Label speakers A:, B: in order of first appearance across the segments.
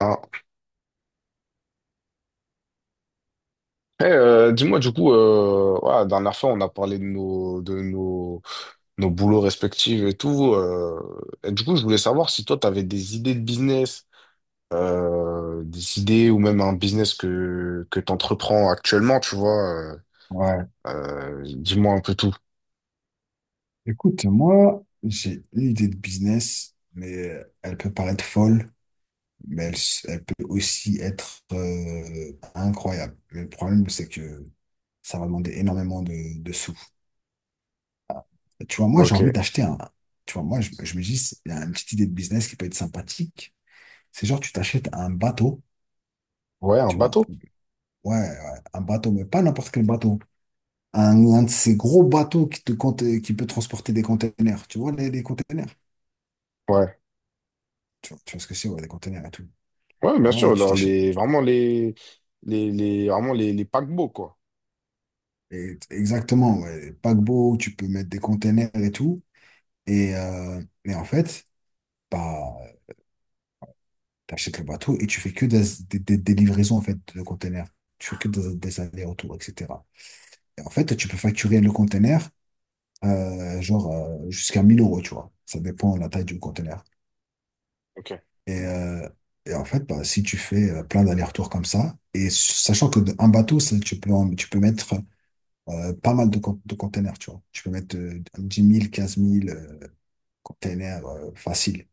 A: Ah. Eh, dis-moi du coup, ouais, la dernière fois on a parlé de nos boulots respectifs et tout. Et du coup, je voulais savoir si toi tu avais des idées de business, des idées ou même un business que t'entreprends actuellement, tu vois.
B: Ouais.
A: Dis-moi un peu tout.
B: Écoute, moi, j'ai une idée de business, mais elle peut paraître folle, mais elle peut aussi être incroyable. Mais le problème, c'est que ça va demander énormément de sous. Tu vois, moi, j'ai envie
A: Ok.
B: d'acheter un. Tu vois, moi, je me dis, il y a une petite idée de business qui peut être sympathique. C'est genre, tu t'achètes un bateau,
A: Ouais, un
B: tu vois.
A: bateau.
B: Ouais, ouais, un bateau, mais pas n'importe quel bateau. Un de ces gros bateaux qui peut transporter des containers. Tu vois, les containers.
A: Ouais.
B: Tu vois ce que c'est, ouais, les containers et tout.
A: Ouais,
B: Bah
A: bien
B: voilà,
A: sûr,
B: tu
A: dans
B: t'achètes.
A: les, vraiment les, les, les, paquebots, quoi.
B: Exactement, ouais. Paquebot, tu peux mettre des containers et tout. Et en fait, bah, t'achètes le bateau et tu fais que des livraisons en fait, de containers. Tu fais que des allers-retours, etc. Et en fait, tu peux facturer le container genre jusqu'à 1000 euros, tu vois. Ça dépend de la taille du container.
A: Ok.
B: Et, euh, et en fait, bah, si tu fais plein d'allers-retours comme ça, et sachant que un bateau, ça, tu peux mettre pas mal de containers, tu vois. Tu peux mettre 10 000, 15 000 containers faciles,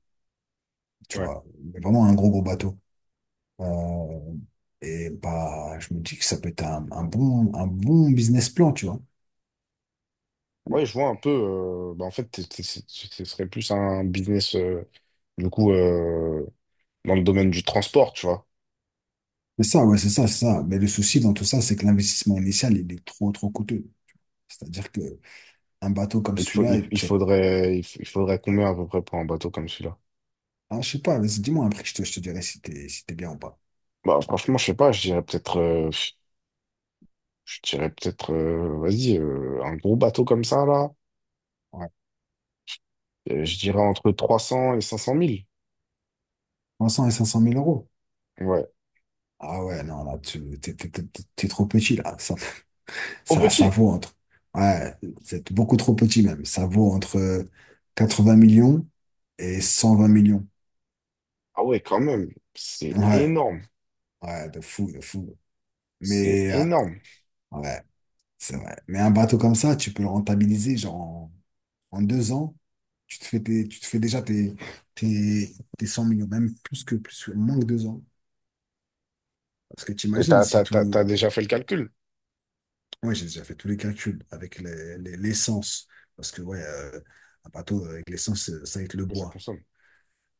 B: tu vois. Mais vraiment un gros, gros bateau. Euh, et bah, je me dis que ça peut être un bon, un bon business plan, tu vois.
A: Ouais, je vois un peu. Bah, en fait, ce serait plus un business, du coup, dans le domaine du transport, tu vois.
B: C'est ça, ouais, c'est ça, c'est ça. Mais le souci dans tout ça, c'est que l'investissement initial, il est trop, trop coûteux. C'est-à-dire que un bateau comme
A: Il te faut,
B: celui-là,
A: il faudrait, il, f- il faudrait combien à peu près pour un bateau comme celui-là?
B: ah, je sais pas, vas-y, dis-moi un prix, je te dirai si t'es bien ou pas.
A: Bah, franchement, je sais pas. Je dirais peut-être, vas-y, un gros bateau comme ça là.
B: Ouais.
A: Je dirais entre 300 et 500 mille.
B: 300 et 500 mille euros.
A: Ouais.
B: Ah ouais, non, là, tu, t'es, t'es- t'es- t'es trop petit, là.
A: Au
B: Ça
A: petit.
B: vaut ouais, c'est beaucoup trop petit même. Ça vaut entre 80 millions et 120 millions.
A: Ah ouais, quand même. C'est
B: Ouais,
A: énorme.
B: ouais, de fou, de fou.
A: C'est
B: Mais,
A: énorme.
B: ouais, c'est vrai. Mais un bateau comme ça, tu peux le rentabiliser, genre, en 2 ans, tu te fais déjà tes 100 millions, même moins que 2 ans. Parce que tu
A: Et
B: imagines
A: t'as,
B: si
A: t'as, t'as, t'as
B: tout,
A: déjà fait le calcul?
B: ouais, j'ai déjà fait tous les calculs avec l'essence. Parce que, ouais, un bateau avec l'essence, ça va être le
A: Que ça
B: bois.
A: consomme.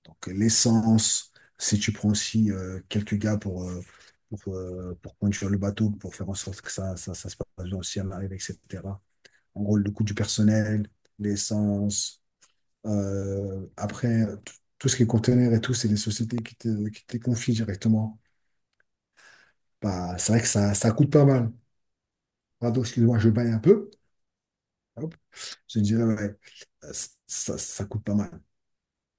B: Donc l'essence, si tu prends aussi quelques gars pour conduire le bateau, pour faire en sorte que ça se passe bien aussi à l'arrivée, etc. En gros, le coût du personnel, l'essence. Après, tout ce qui est conteneur et tout, c'est des sociétés qui te les confient directement. Bah, c'est vrai que ça coûte pas mal. Pardon, excuse-moi, je baille un peu. Hop, je dirais, ouais, euh, ça coûte pas mal.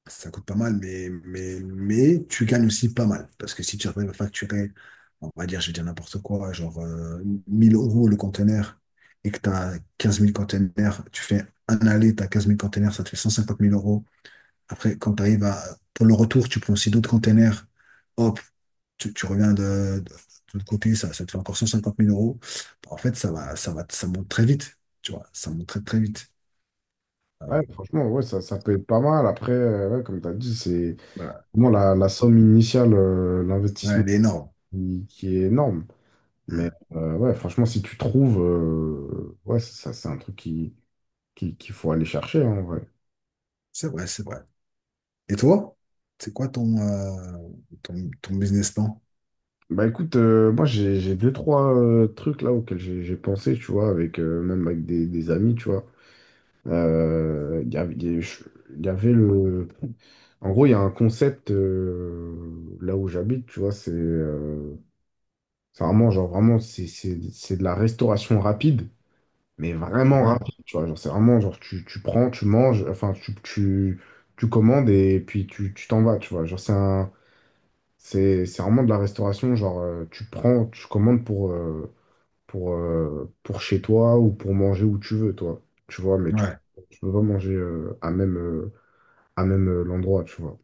B: Ça coûte pas mal, mais tu gagnes aussi pas mal. Parce que si tu arrives à facturer, on va dire, je vais dire n'importe quoi, genre 1000 euros le conteneur et que tu as 15 000 conteneurs, tu fais un aller, tu as 15 000 conteneurs, ça te fait 150 000 euros. Après, quand tu arrives à, pour le retour, tu prends aussi d'autres conteneurs, hop, tu reviens de l'autre côté, ça te fait encore 150 000 euros. Bon, en fait, ça monte très vite, tu vois, ça monte très, très vite. Euh,
A: Ouais, franchement, ouais, ça peut être pas mal. Après, ouais, comme tu as dit, c'est
B: voilà,
A: vraiment la somme initiale,
B: ouais,
A: l'investissement
B: elle est énorme.
A: qui est énorme. Mais
B: Hmm.
A: ouais, franchement, si tu trouves, ouais, ça, c'est un truc qu'il faut aller chercher, hein, en vrai.
B: C'est vrai, c'est vrai. Et toi, c'est quoi ton, ton business plan?
A: Bah écoute, moi j'ai deux, trois trucs là auxquels j'ai pensé, tu vois, avec même avec des amis, tu vois. Il y avait, il y a- je- il y avait le. En gros, il y a un concept là où j'habite, tu vois, c'est. C'est vraiment, genre, vraiment, c'est de la restauration rapide, mais vraiment, mhm,
B: Ouais.
A: rapide, tu vois. Genre, c'est vraiment, genre, tu prends, tu manges, enfin, tu commandes et puis tu t'en vas, tu vois. Genre, c'est un, c'est vraiment de la restauration, genre, tu prends, tu commandes pour, pour chez toi ou pour manger où tu veux, toi. Tu vois, mais tu,
B: Ouais.
A: tu peux pas manger à même l'endroit, tu vois.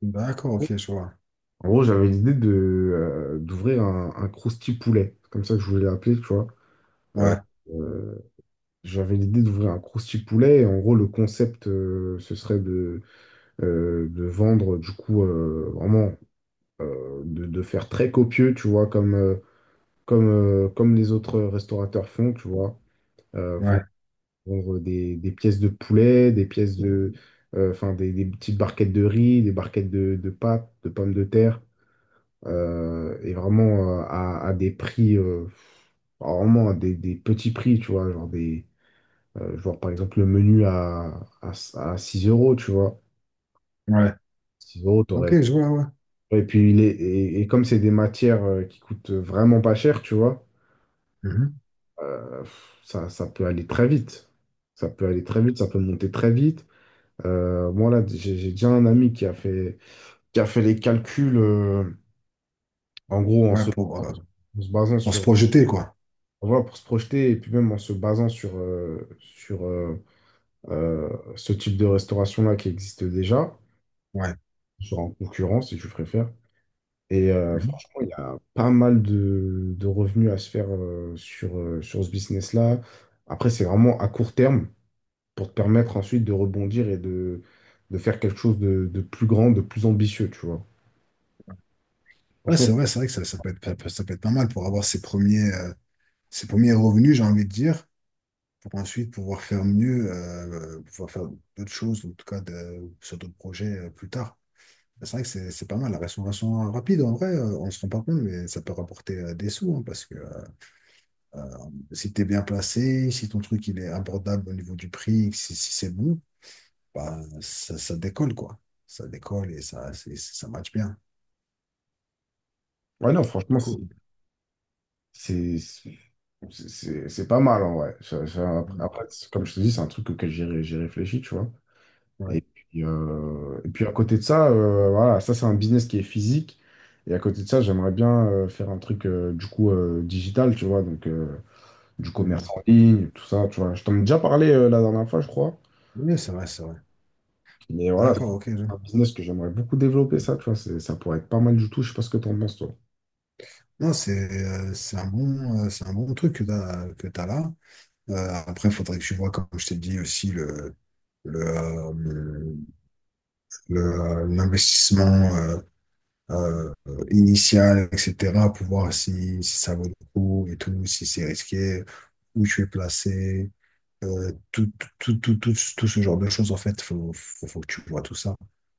B: D'accord, ok, je vois.
A: En gros, j'avais l'idée de, d'ouvrir un Krusty poulet. C'est comme ça que je voulais l'appeler, tu vois.
B: Ouais,
A: Euh, J'avais l'idée d'ouvrir un crousty poulet. Et en gros, le concept, ce serait de vendre, du coup, vraiment, de faire très copieux, tu vois, comme les autres restaurateurs font, tu vois. Euh, vendre
B: ouais,
A: vendre des pièces de poulet, des pièces de. Enfin, des petites barquettes de riz, des barquettes de pâtes, de pommes de terre, et vraiment à des prix, vraiment à des petits prix, tu vois, genre des. Genre, par exemple, le menu à 6 euros, tu vois.
B: ouais.
A: 6 euros,
B: Ok,
A: t'aurais...
B: je vois, ouais.
A: Et puis, et, comme c'est des matières qui coûtent vraiment pas cher, tu vois,
B: Mhm.
A: ça peut aller très vite. Ça peut aller très vite, ça peut monter très vite. Moi, là, j'ai déjà un ami qui a fait les calculs, en gros,
B: Ouais, pour, euh,
A: en se basant
B: pour se
A: sur...
B: projeter, quoi.
A: Voilà, pour se projeter, et puis même en se basant sur euh, ce type de restauration-là qui existe déjà,
B: Ouais.
A: genre en concurrence, si tu préfères. Et
B: Mhm.
A: franchement, il y a pas mal de revenus à se faire sur ce business-là. Après, c'est vraiment à court terme pour te permettre ensuite de rebondir et de faire quelque chose de plus grand, de plus ambitieux, tu vois.
B: Ouais,
A: Franchement,
B: c'est vrai que ça peut être, ça peut être pas mal pour avoir ses premiers revenus, j'ai envie de dire, pour ensuite pouvoir faire mieux, pouvoir faire d'autres choses, en tout cas sur d'autres projets plus tard. C'est vrai que c'est pas mal, la restauration rapide, en vrai, on se rend pas compte, mais ça peut rapporter des sous, hein, parce que Euh, si tu es bien placé, si ton truc il est abordable au niveau du prix, si c'est bon, bah, ça décolle, quoi. Ça décolle et ça, ça match bien.
A: ouais, non,
B: Du
A: franchement, c'est
B: coup,
A: c'est- c'est- c'est- c'est pas mal, en vrai.
B: mm,
A: Après, comme je te dis, c'est un truc auquel j'ai réfléchi, tu vois. Et
B: ouais.
A: puis, euh, et puis à côté de ça, voilà, ça c'est un business qui est physique. Et à côté de ça, j'aimerais bien faire un truc du coup digital, tu vois, donc du commerce
B: Mm.
A: en ligne, tout ça, tu vois. Je t'en ai déjà parlé la dernière fois, je crois.
B: Oui, c'est vrai, c'est vrai.
A: Mais voilà, c'est
B: D'accord, ok.
A: un business que j'aimerais beaucoup développer, ça, tu vois. Ça pourrait être pas mal du tout. Je sais pas ce que t'en penses, toi,
B: Non, c'est un bon, c'est un bon truc que t'as là. Euh, après, il faudrait que tu vois, comme je t'ai dit aussi, le, euh, l'investissement. euh, euh, Initiale, etc., pour voir si ça vaut le coup et tout, si c'est risqué, où tu es placé, euh, tout, tout ce genre de choses, en fait, faut que tu vois tout ça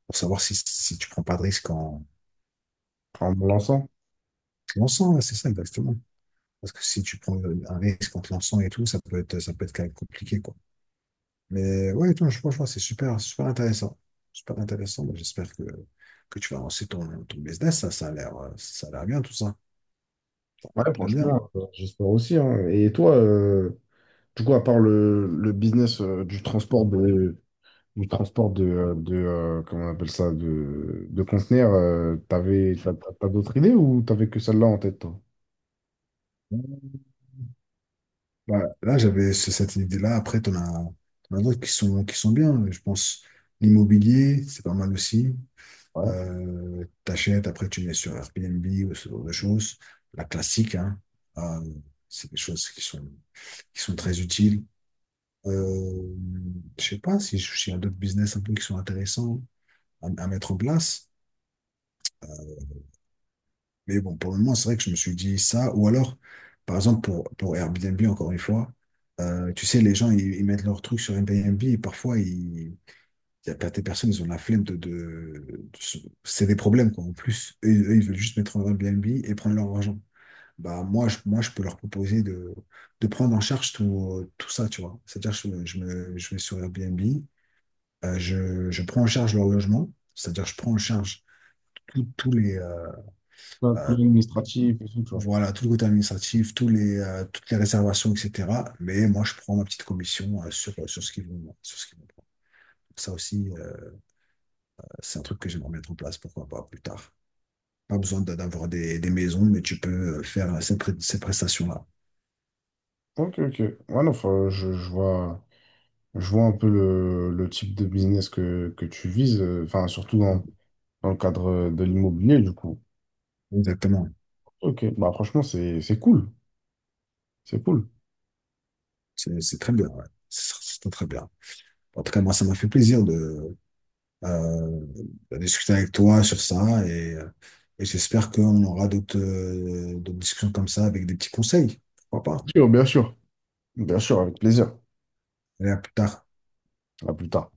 B: pour savoir si tu prends pas de risque en
A: en me lançant.
B: te lançant, ouais, c'est ça exactement. Parce que si tu prends un risque en te lançant et tout, ça peut être quand même compliqué, quoi. Mais ouais, non, je franchement, c'est super, super intéressant. Super intéressant. Moi, j'espère que tu vas lancer ton business. Ça a l'air, ça a l'air bien, tout ça.
A: Ouais,
B: Très bien.
A: franchement, j'espère aussi, hein. Et toi, du coup, à part le business du transport de, comment on appelle ça, de conteneurs, t'as d'autres idées ou t'avais que celle-là en tête, toi?
B: Bah, là, j'avais cette idée-là. Après, t'en as d'autres qui sont bien. Je pense l'immobilier, c'est pas mal aussi.
A: Ouais.
B: T'achètes, après tu mets sur Airbnb ou ce genre de choses. La classique, hein. Euh, c'est des choses qui sont très utiles. Euh, je sais pas si s'il y a d'autres business un peu qui sont intéressants à mettre en place. Mais bon, pour le moment, c'est vrai que je me suis dit ça. Ou alors, par exemple, pour Airbnb, encore une fois, tu sais, les gens, ils mettent leurs trucs sur Airbnb et parfois, ils y a pas des personnes, ils ont la flemme de... de se- c'est des problèmes, quoi. En plus, eux, ils veulent juste mettre en Airbnb et prendre leur argent. Bah, moi, je peux leur proposer de prendre en charge tout, tout ça, tu vois. C'est-à-dire, je vais sur Airbnb, je prends en charge leur logement, c'est-à-dire, je prends en charge tous les...
A: Plein de
B: euh,
A: colis administratifs et tout, tu vois.
B: voilà, tout le côté administratif, tous les, toutes les réservations, etc. Mais moi, je prends ma petite commission sur ce qu'ils vont prendre. Donc ça aussi, c'est un truc que j'aimerais mettre en place, pourquoi pas plus tard. Pas besoin d'avoir des maisons, mais tu peux faire ces prestations-là.
A: Ok, ok. Ouais, non, je vois un peu le type de business que tu vises, enfin, surtout
B: Mm.
A: dans le cadre de l'immobilier, du coup.
B: Exactement.
A: Ok, bah franchement, c'est cool. C'est cool.
B: C'est très bien, ouais. C'est très très bien. En tout cas, moi, ça m'a fait plaisir euh, à discuter avec toi sur ça et j'espère qu'on aura d'autres discussions comme ça avec des petits conseils. Pourquoi pas?
A: Bien sûr, bien sûr. Bien sûr, avec plaisir.
B: Allez, à plus tard.
A: À plus tard.